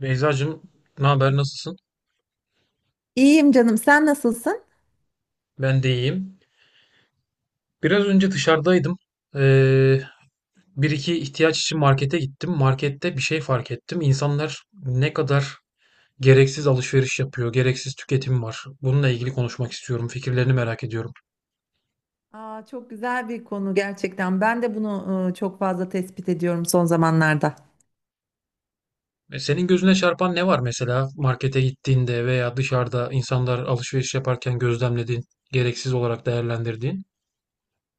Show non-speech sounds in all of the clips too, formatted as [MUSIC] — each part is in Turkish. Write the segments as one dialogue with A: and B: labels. A: Beyzacığım, ne haber, nasılsın?
B: İyiyim canım, sen nasılsın?
A: Ben de iyiyim. Biraz önce dışarıdaydım. Ee, bir iki ihtiyaç için markete gittim. Markette bir şey fark ettim. İnsanlar ne kadar gereksiz alışveriş yapıyor, gereksiz tüketim var. Bununla ilgili konuşmak istiyorum. Fikirlerini merak ediyorum.
B: Aa, çok güzel bir konu gerçekten. Ben de bunu çok fazla tespit ediyorum son zamanlarda.
A: Senin gözüne çarpan ne var mesela markete gittiğinde veya dışarıda insanlar alışveriş yaparken gözlemlediğin, gereksiz olarak değerlendirdiğin?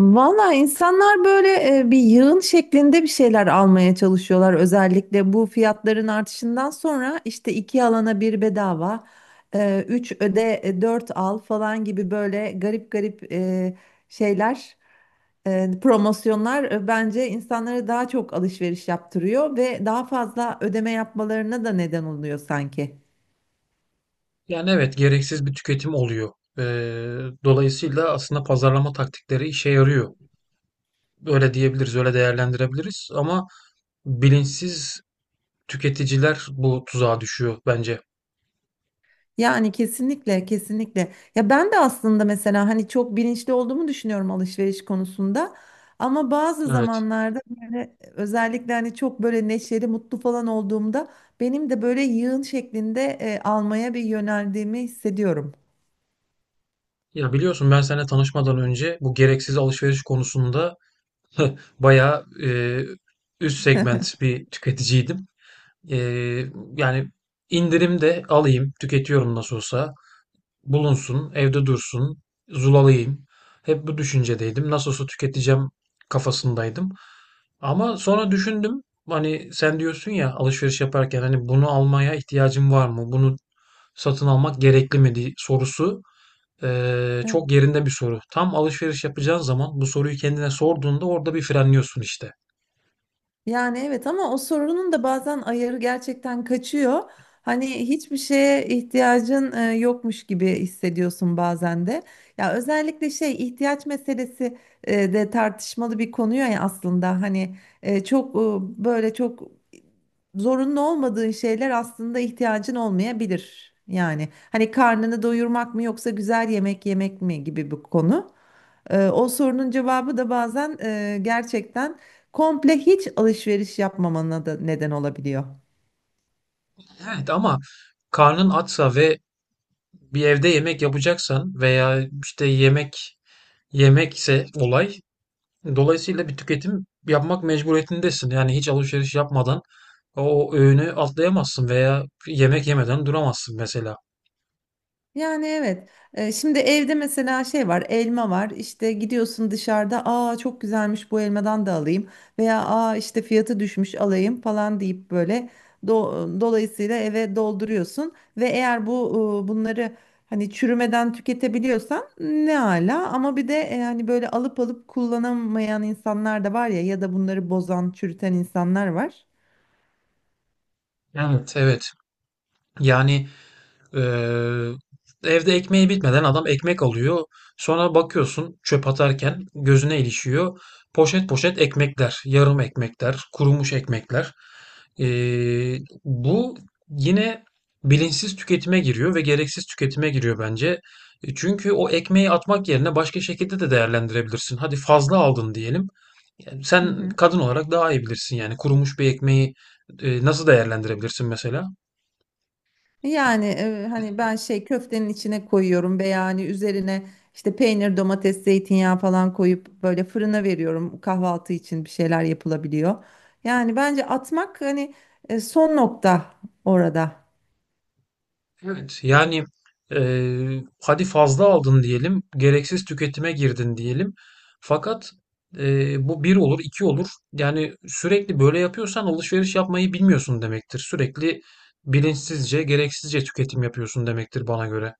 B: Valla insanlar böyle bir yığın şeklinde bir şeyler almaya çalışıyorlar. Özellikle bu fiyatların artışından sonra işte iki alana bir bedava, üç öde, dört al falan gibi böyle garip garip şeyler, promosyonlar, bence insanları daha çok alışveriş yaptırıyor ve daha fazla ödeme yapmalarına da neden oluyor sanki.
A: Yani evet, gereksiz bir tüketim oluyor. E, dolayısıyla aslında pazarlama taktikleri işe yarıyor. Öyle diyebiliriz, öyle değerlendirebiliriz, ama bilinçsiz tüketiciler bu tuzağa düşüyor bence.
B: Yani kesinlikle kesinlikle. Ya ben de aslında mesela hani çok bilinçli olduğumu düşünüyorum alışveriş konusunda. Ama bazı
A: Evet.
B: zamanlarda böyle özellikle hani çok böyle neşeli, mutlu falan olduğumda benim de böyle yığın şeklinde almaya bir yöneldiğimi hissediyorum.
A: Ya, biliyorsun, ben seninle tanışmadan önce bu gereksiz alışveriş konusunda bayağı üst segment bir tüketiciydim. Eee, yani indirim de alayım, tüketiyorum nasıl olsa, bulunsun, evde dursun, zulalayayım. Hep bu düşüncedeydim. Nasıl olsa tüketeceğim kafasındaydım. Ama sonra düşündüm, hani, sen diyorsun ya alışveriş yaparken, hani, bunu almaya ihtiyacım var mı? Bunu satın almak gerekli mi diye sorusu çok yerinde bir soru. Tam alışveriş yapacağın zaman bu soruyu kendine sorduğunda orada bir frenliyorsun işte.
B: Yani evet ama o sorunun da bazen ayarı gerçekten kaçıyor. Hani hiçbir şeye ihtiyacın yokmuş gibi hissediyorsun bazen de. Ya özellikle şey ihtiyaç meselesi de tartışmalı bir konu ya aslında. Hani çok böyle çok zorunlu olmadığın şeyler aslında ihtiyacın olmayabilir. Yani hani karnını doyurmak mı yoksa güzel yemek yemek mi gibi bir konu. O sorunun cevabı da bazen gerçekten komple hiç alışveriş yapmamana da neden olabiliyor.
A: Evet, ama karnın açsa ve bir evde yemek yapacaksan veya işte yemek yemekse olay, dolayısıyla bir tüketim yapmak mecburiyetindesin. Yani hiç alışveriş yapmadan o öğünü atlayamazsın veya yemek yemeden duramazsın mesela.
B: Yani evet. Şimdi evde mesela şey var, elma var. İşte gidiyorsun dışarıda, aa çok güzelmiş bu elmadan da alayım veya aa işte fiyatı düşmüş alayım falan deyip böyle dolayısıyla eve dolduruyorsun ve eğer bu bunları hani çürümeden tüketebiliyorsan ne ala ama bir de yani böyle alıp alıp kullanamayan insanlar da var ya ya da bunları bozan, çürüten insanlar var.
A: Evet, evet. Yani. Ee, evde ekmeği bitmeden adam ekmek alıyor. Sonra bakıyorsun, çöp atarken gözüne ilişiyor. Poşet poşet ekmekler, yarım ekmekler, kurumuş ekmekler. Ee, bu yine bilinçsiz tüketime giriyor ve gereksiz tüketime giriyor bence. Çünkü o ekmeği atmak yerine başka şekilde de değerlendirebilirsin. Hadi fazla aldın diyelim. Yani
B: Hı
A: sen
B: hı.
A: kadın olarak daha iyi bilirsin, yani kurumuş bir ekmeği nasıl değerlendirebilirsin mesela?
B: Yani hani ben şey köftenin içine koyuyorum veya hani üzerine işte peynir, domates, zeytinyağı falan koyup böyle fırına veriyorum. Kahvaltı için bir şeyler yapılabiliyor. Yani bence atmak hani son nokta orada.
A: Evet, yani hadi fazla aldın diyelim, gereksiz tüketime girdin diyelim. Fakat bu bir olur, iki olur. Yani sürekli böyle yapıyorsan alışveriş yapmayı bilmiyorsun demektir. Sürekli bilinçsizce, gereksizce tüketim yapıyorsun demektir bana göre.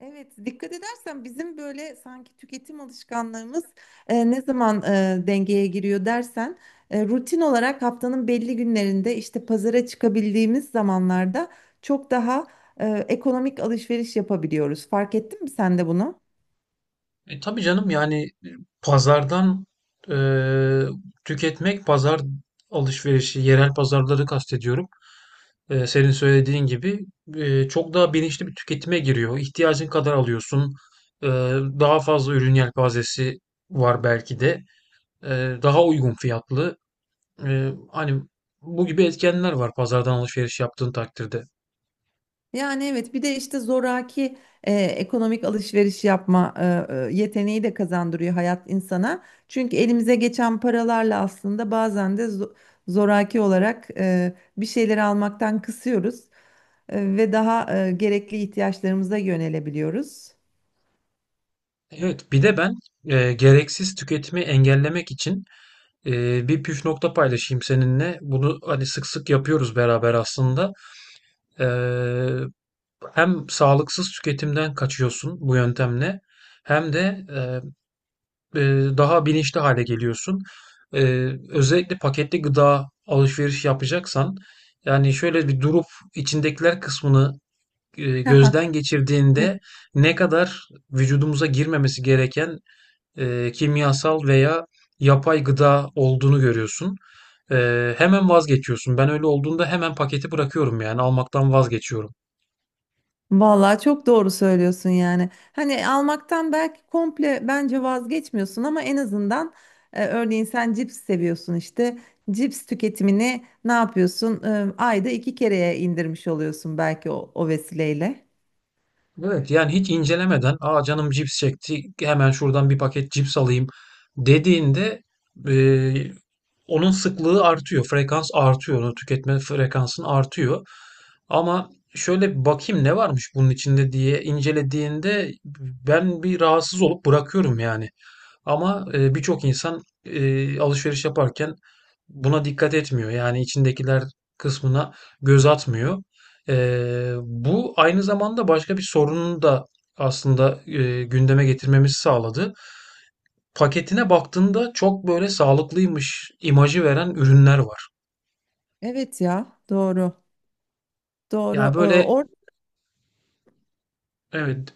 B: Evet, dikkat edersen bizim böyle sanki tüketim alışkanlığımız ne zaman dengeye giriyor dersen rutin olarak haftanın belli günlerinde işte pazara çıkabildiğimiz zamanlarda çok daha ekonomik alışveriş yapabiliyoruz. Fark ettin mi sen de bunu?
A: Tabii canım, yani pazardan e, tüketmek, pazar alışverişi, yerel pazarları kastediyorum. Senin söylediğin gibi çok daha bilinçli bir tüketime giriyor. İhtiyacın kadar alıyorsun. E, daha fazla ürün yelpazesi var belki de. Daha uygun fiyatlı. Hani bu gibi etkenler var pazardan alışveriş yaptığın takdirde.
B: Yani evet bir de işte zoraki ekonomik alışveriş yapma yeteneği de kazandırıyor hayat insana. Çünkü elimize geçen paralarla aslında bazen de zoraki olarak bir şeyleri almaktan kısıyoruz ve daha gerekli ihtiyaçlarımıza yönelebiliyoruz.
A: Evet, bir de ben gereksiz tüketimi engellemek için bir püf nokta paylaşayım seninle. Bunu, hani, sık sık yapıyoruz beraber aslında. E, hem sağlıksız tüketimden kaçıyorsun bu yöntemle, hem de e, e, daha bilinçli hale geliyorsun. E, özellikle paketli gıda alışveriş yapacaksan, yani şöyle bir durup içindekiler kısmını gözden
B: [LAUGHS]
A: geçirdiğinde ne kadar vücudumuza girmemesi gereken kimyasal veya yapay gıda olduğunu görüyorsun. Hemen vazgeçiyorsun. Ben öyle olduğunda hemen paketi bırakıyorum, yani almaktan vazgeçiyorum.
B: Vallahi çok doğru söylüyorsun yani. Hani almaktan belki komple bence vazgeçmiyorsun ama en azından örneğin sen cips seviyorsun işte. Cips tüketimini ne yapıyorsun? E, ayda iki kereye indirmiş oluyorsun belki o, o vesileyle.
A: Evet, yani hiç incelemeden, aa, canım cips çekti, hemen şuradan bir paket cips alayım dediğinde eee, onun sıklığı artıyor. Frekans artıyor. Onu tüketme frekansın artıyor. Ama şöyle bir bakayım ne varmış bunun içinde diye incelediğinde, ben bir rahatsız olup bırakıyorum yani. Ama birçok insan alışveriş yaparken buna dikkat etmiyor. Yani içindekiler kısmına göz atmıyor. Bu aynı zamanda başka bir sorunu da aslında gündeme getirmemizi sağladı. Paketine baktığında çok böyle sağlıklıymış imajı veren ürünler var.
B: Evet ya doğru.
A: Yani
B: Doğru. E,
A: böyle, evet.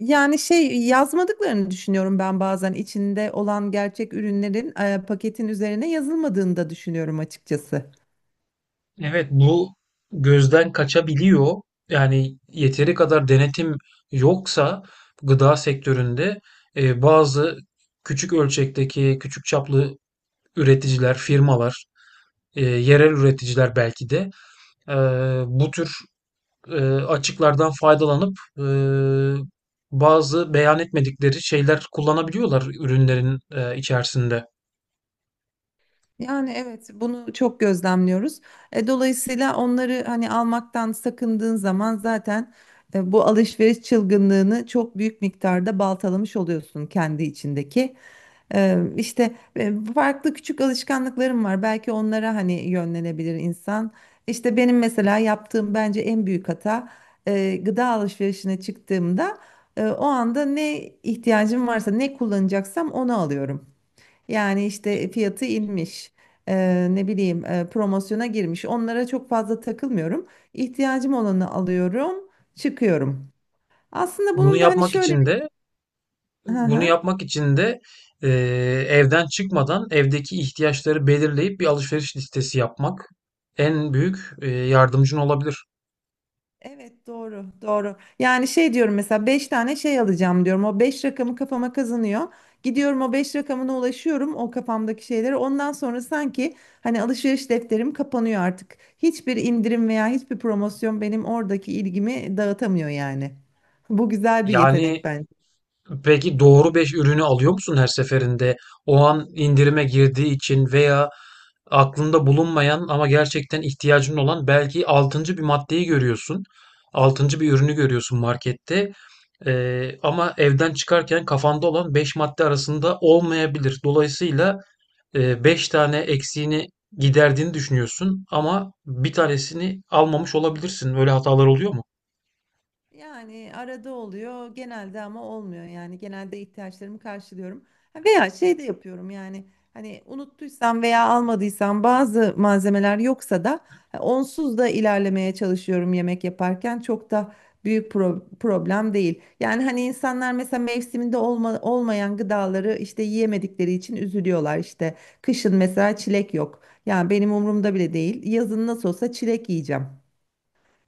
B: Yani şey yazmadıklarını düşünüyorum ben bazen içinde olan gerçek ürünlerin paketin üzerine yazılmadığını da düşünüyorum açıkçası.
A: Evet, bu gözden kaçabiliyor. Yani yeteri kadar denetim yoksa gıda sektöründe bazı küçük ölçekteki, küçük çaplı üreticiler, firmalar, yerel üreticiler belki de e, bu tür açıklardan faydalanıp bazı beyan etmedikleri şeyler kullanabiliyorlar ürünlerin içerisinde.
B: Yani evet bunu çok gözlemliyoruz. Dolayısıyla onları hani almaktan sakındığın zaman zaten bu alışveriş çılgınlığını çok büyük miktarda baltalamış oluyorsun kendi içindeki. İşte farklı küçük alışkanlıklarım var. Belki onlara hani yönlenebilir insan. İşte benim mesela yaptığım bence en büyük hata gıda alışverişine çıktığımda o anda ne ihtiyacım varsa ne kullanacaksam onu alıyorum. Yani işte fiyatı inmiş. Ne bileyim promosyona girmiş. Onlara çok fazla takılmıyorum. İhtiyacım olanı alıyorum, çıkıyorum. Aslında
A: Bunu
B: bunun da hani
A: yapmak
B: şöyle.
A: için de
B: Hı
A: bunu
B: hı.
A: yapmak için de eee, evden çıkmadan evdeki ihtiyaçları belirleyip bir alışveriş listesi yapmak en büyük yardımcın olabilir.
B: Evet, doğru doğru. Yani şey diyorum mesela 5 tane şey alacağım diyorum. O 5 rakamı kafama kazanıyor. Gidiyorum o 5 rakamına ulaşıyorum o kafamdaki şeylere. Ondan sonra sanki hani alışveriş defterim kapanıyor artık. Hiçbir indirim veya hiçbir promosyon benim oradaki ilgimi dağıtamıyor yani. Bu güzel bir yetenek.
A: Yani. Peki doğru 5 ürünü alıyor musun her seferinde? O an indirime girdiği için veya aklında bulunmayan ama gerçekten ihtiyacın olan belki altıncı bir maddeyi görüyorsun. Altıncı bir ürünü görüyorsun markette. Ama evden çıkarken kafanda olan 5 madde arasında olmayabilir. Dolayısıyla 5 tane eksiğini giderdiğini düşünüyorsun, ama bir tanesini almamış olabilirsin. Öyle hatalar oluyor mu?
B: Yani arada oluyor genelde ama olmuyor yani genelde ihtiyaçlarımı karşılıyorum. Ha, veya şey de yapıyorum yani hani unuttuysam veya almadıysam bazı malzemeler yoksa da ha, onsuz da ilerlemeye çalışıyorum yemek yaparken çok da büyük problem değil. Yani hani insanlar mesela mevsiminde olmayan gıdaları işte yiyemedikleri için üzülüyorlar işte kışın mesela çilek yok yani benim umurumda bile değil yazın nasıl olsa çilek yiyeceğim.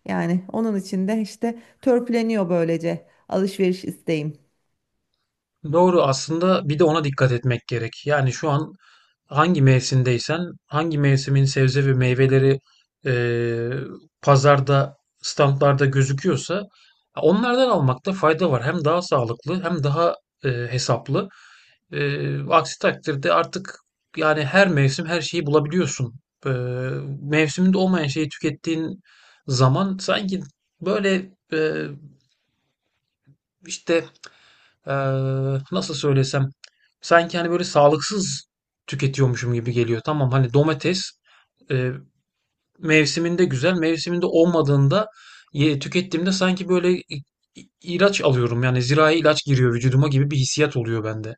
B: Yani onun için de işte törpüleniyor böylece alışveriş isteğim.
A: Doğru, aslında bir de ona dikkat etmek gerek. Yani şu an hangi mevsimdeysen, hangi mevsimin sebze ve meyveleri eee, pazarda, standlarda gözüküyorsa onlardan almakta fayda var. Hem daha sağlıklı, hem daha hesaplı. Aksi takdirde artık yani her mevsim her şeyi bulabiliyorsun. Eee, mevsiminde olmayan şeyi tükettiğin zaman sanki böyle işte nasıl söylesem, sanki hani böyle sağlıksız tüketiyormuşum gibi geliyor. Tamam, hani domates e, mevsiminde güzel, mevsiminde olmadığında tükettiğimde sanki böyle ilaç alıyorum. Yani zirai ilaç giriyor vücuduma gibi bir hissiyat oluyor bende.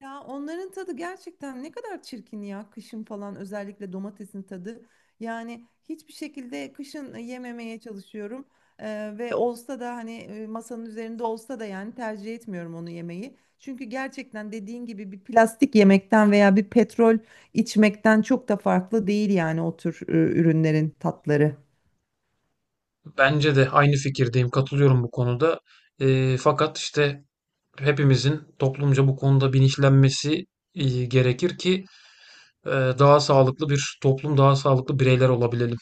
B: Ya onların tadı gerçekten ne kadar çirkin ya kışın falan özellikle domatesin tadı. Yani hiçbir şekilde kışın yememeye çalışıyorum. Ve olsa da hani masanın üzerinde olsa da yani tercih etmiyorum onu yemeyi. Çünkü gerçekten dediğin gibi bir plastik yemekten veya bir petrol içmekten çok da farklı değil yani o tür ürünlerin tatları.
A: Bence de aynı fikirdeyim, katılıyorum bu konuda. Fakat işte hepimizin toplumca bu konuda bilinçlenmesi gerekir ki daha sağlıklı bir toplum, daha sağlıklı bireyler olabilelim.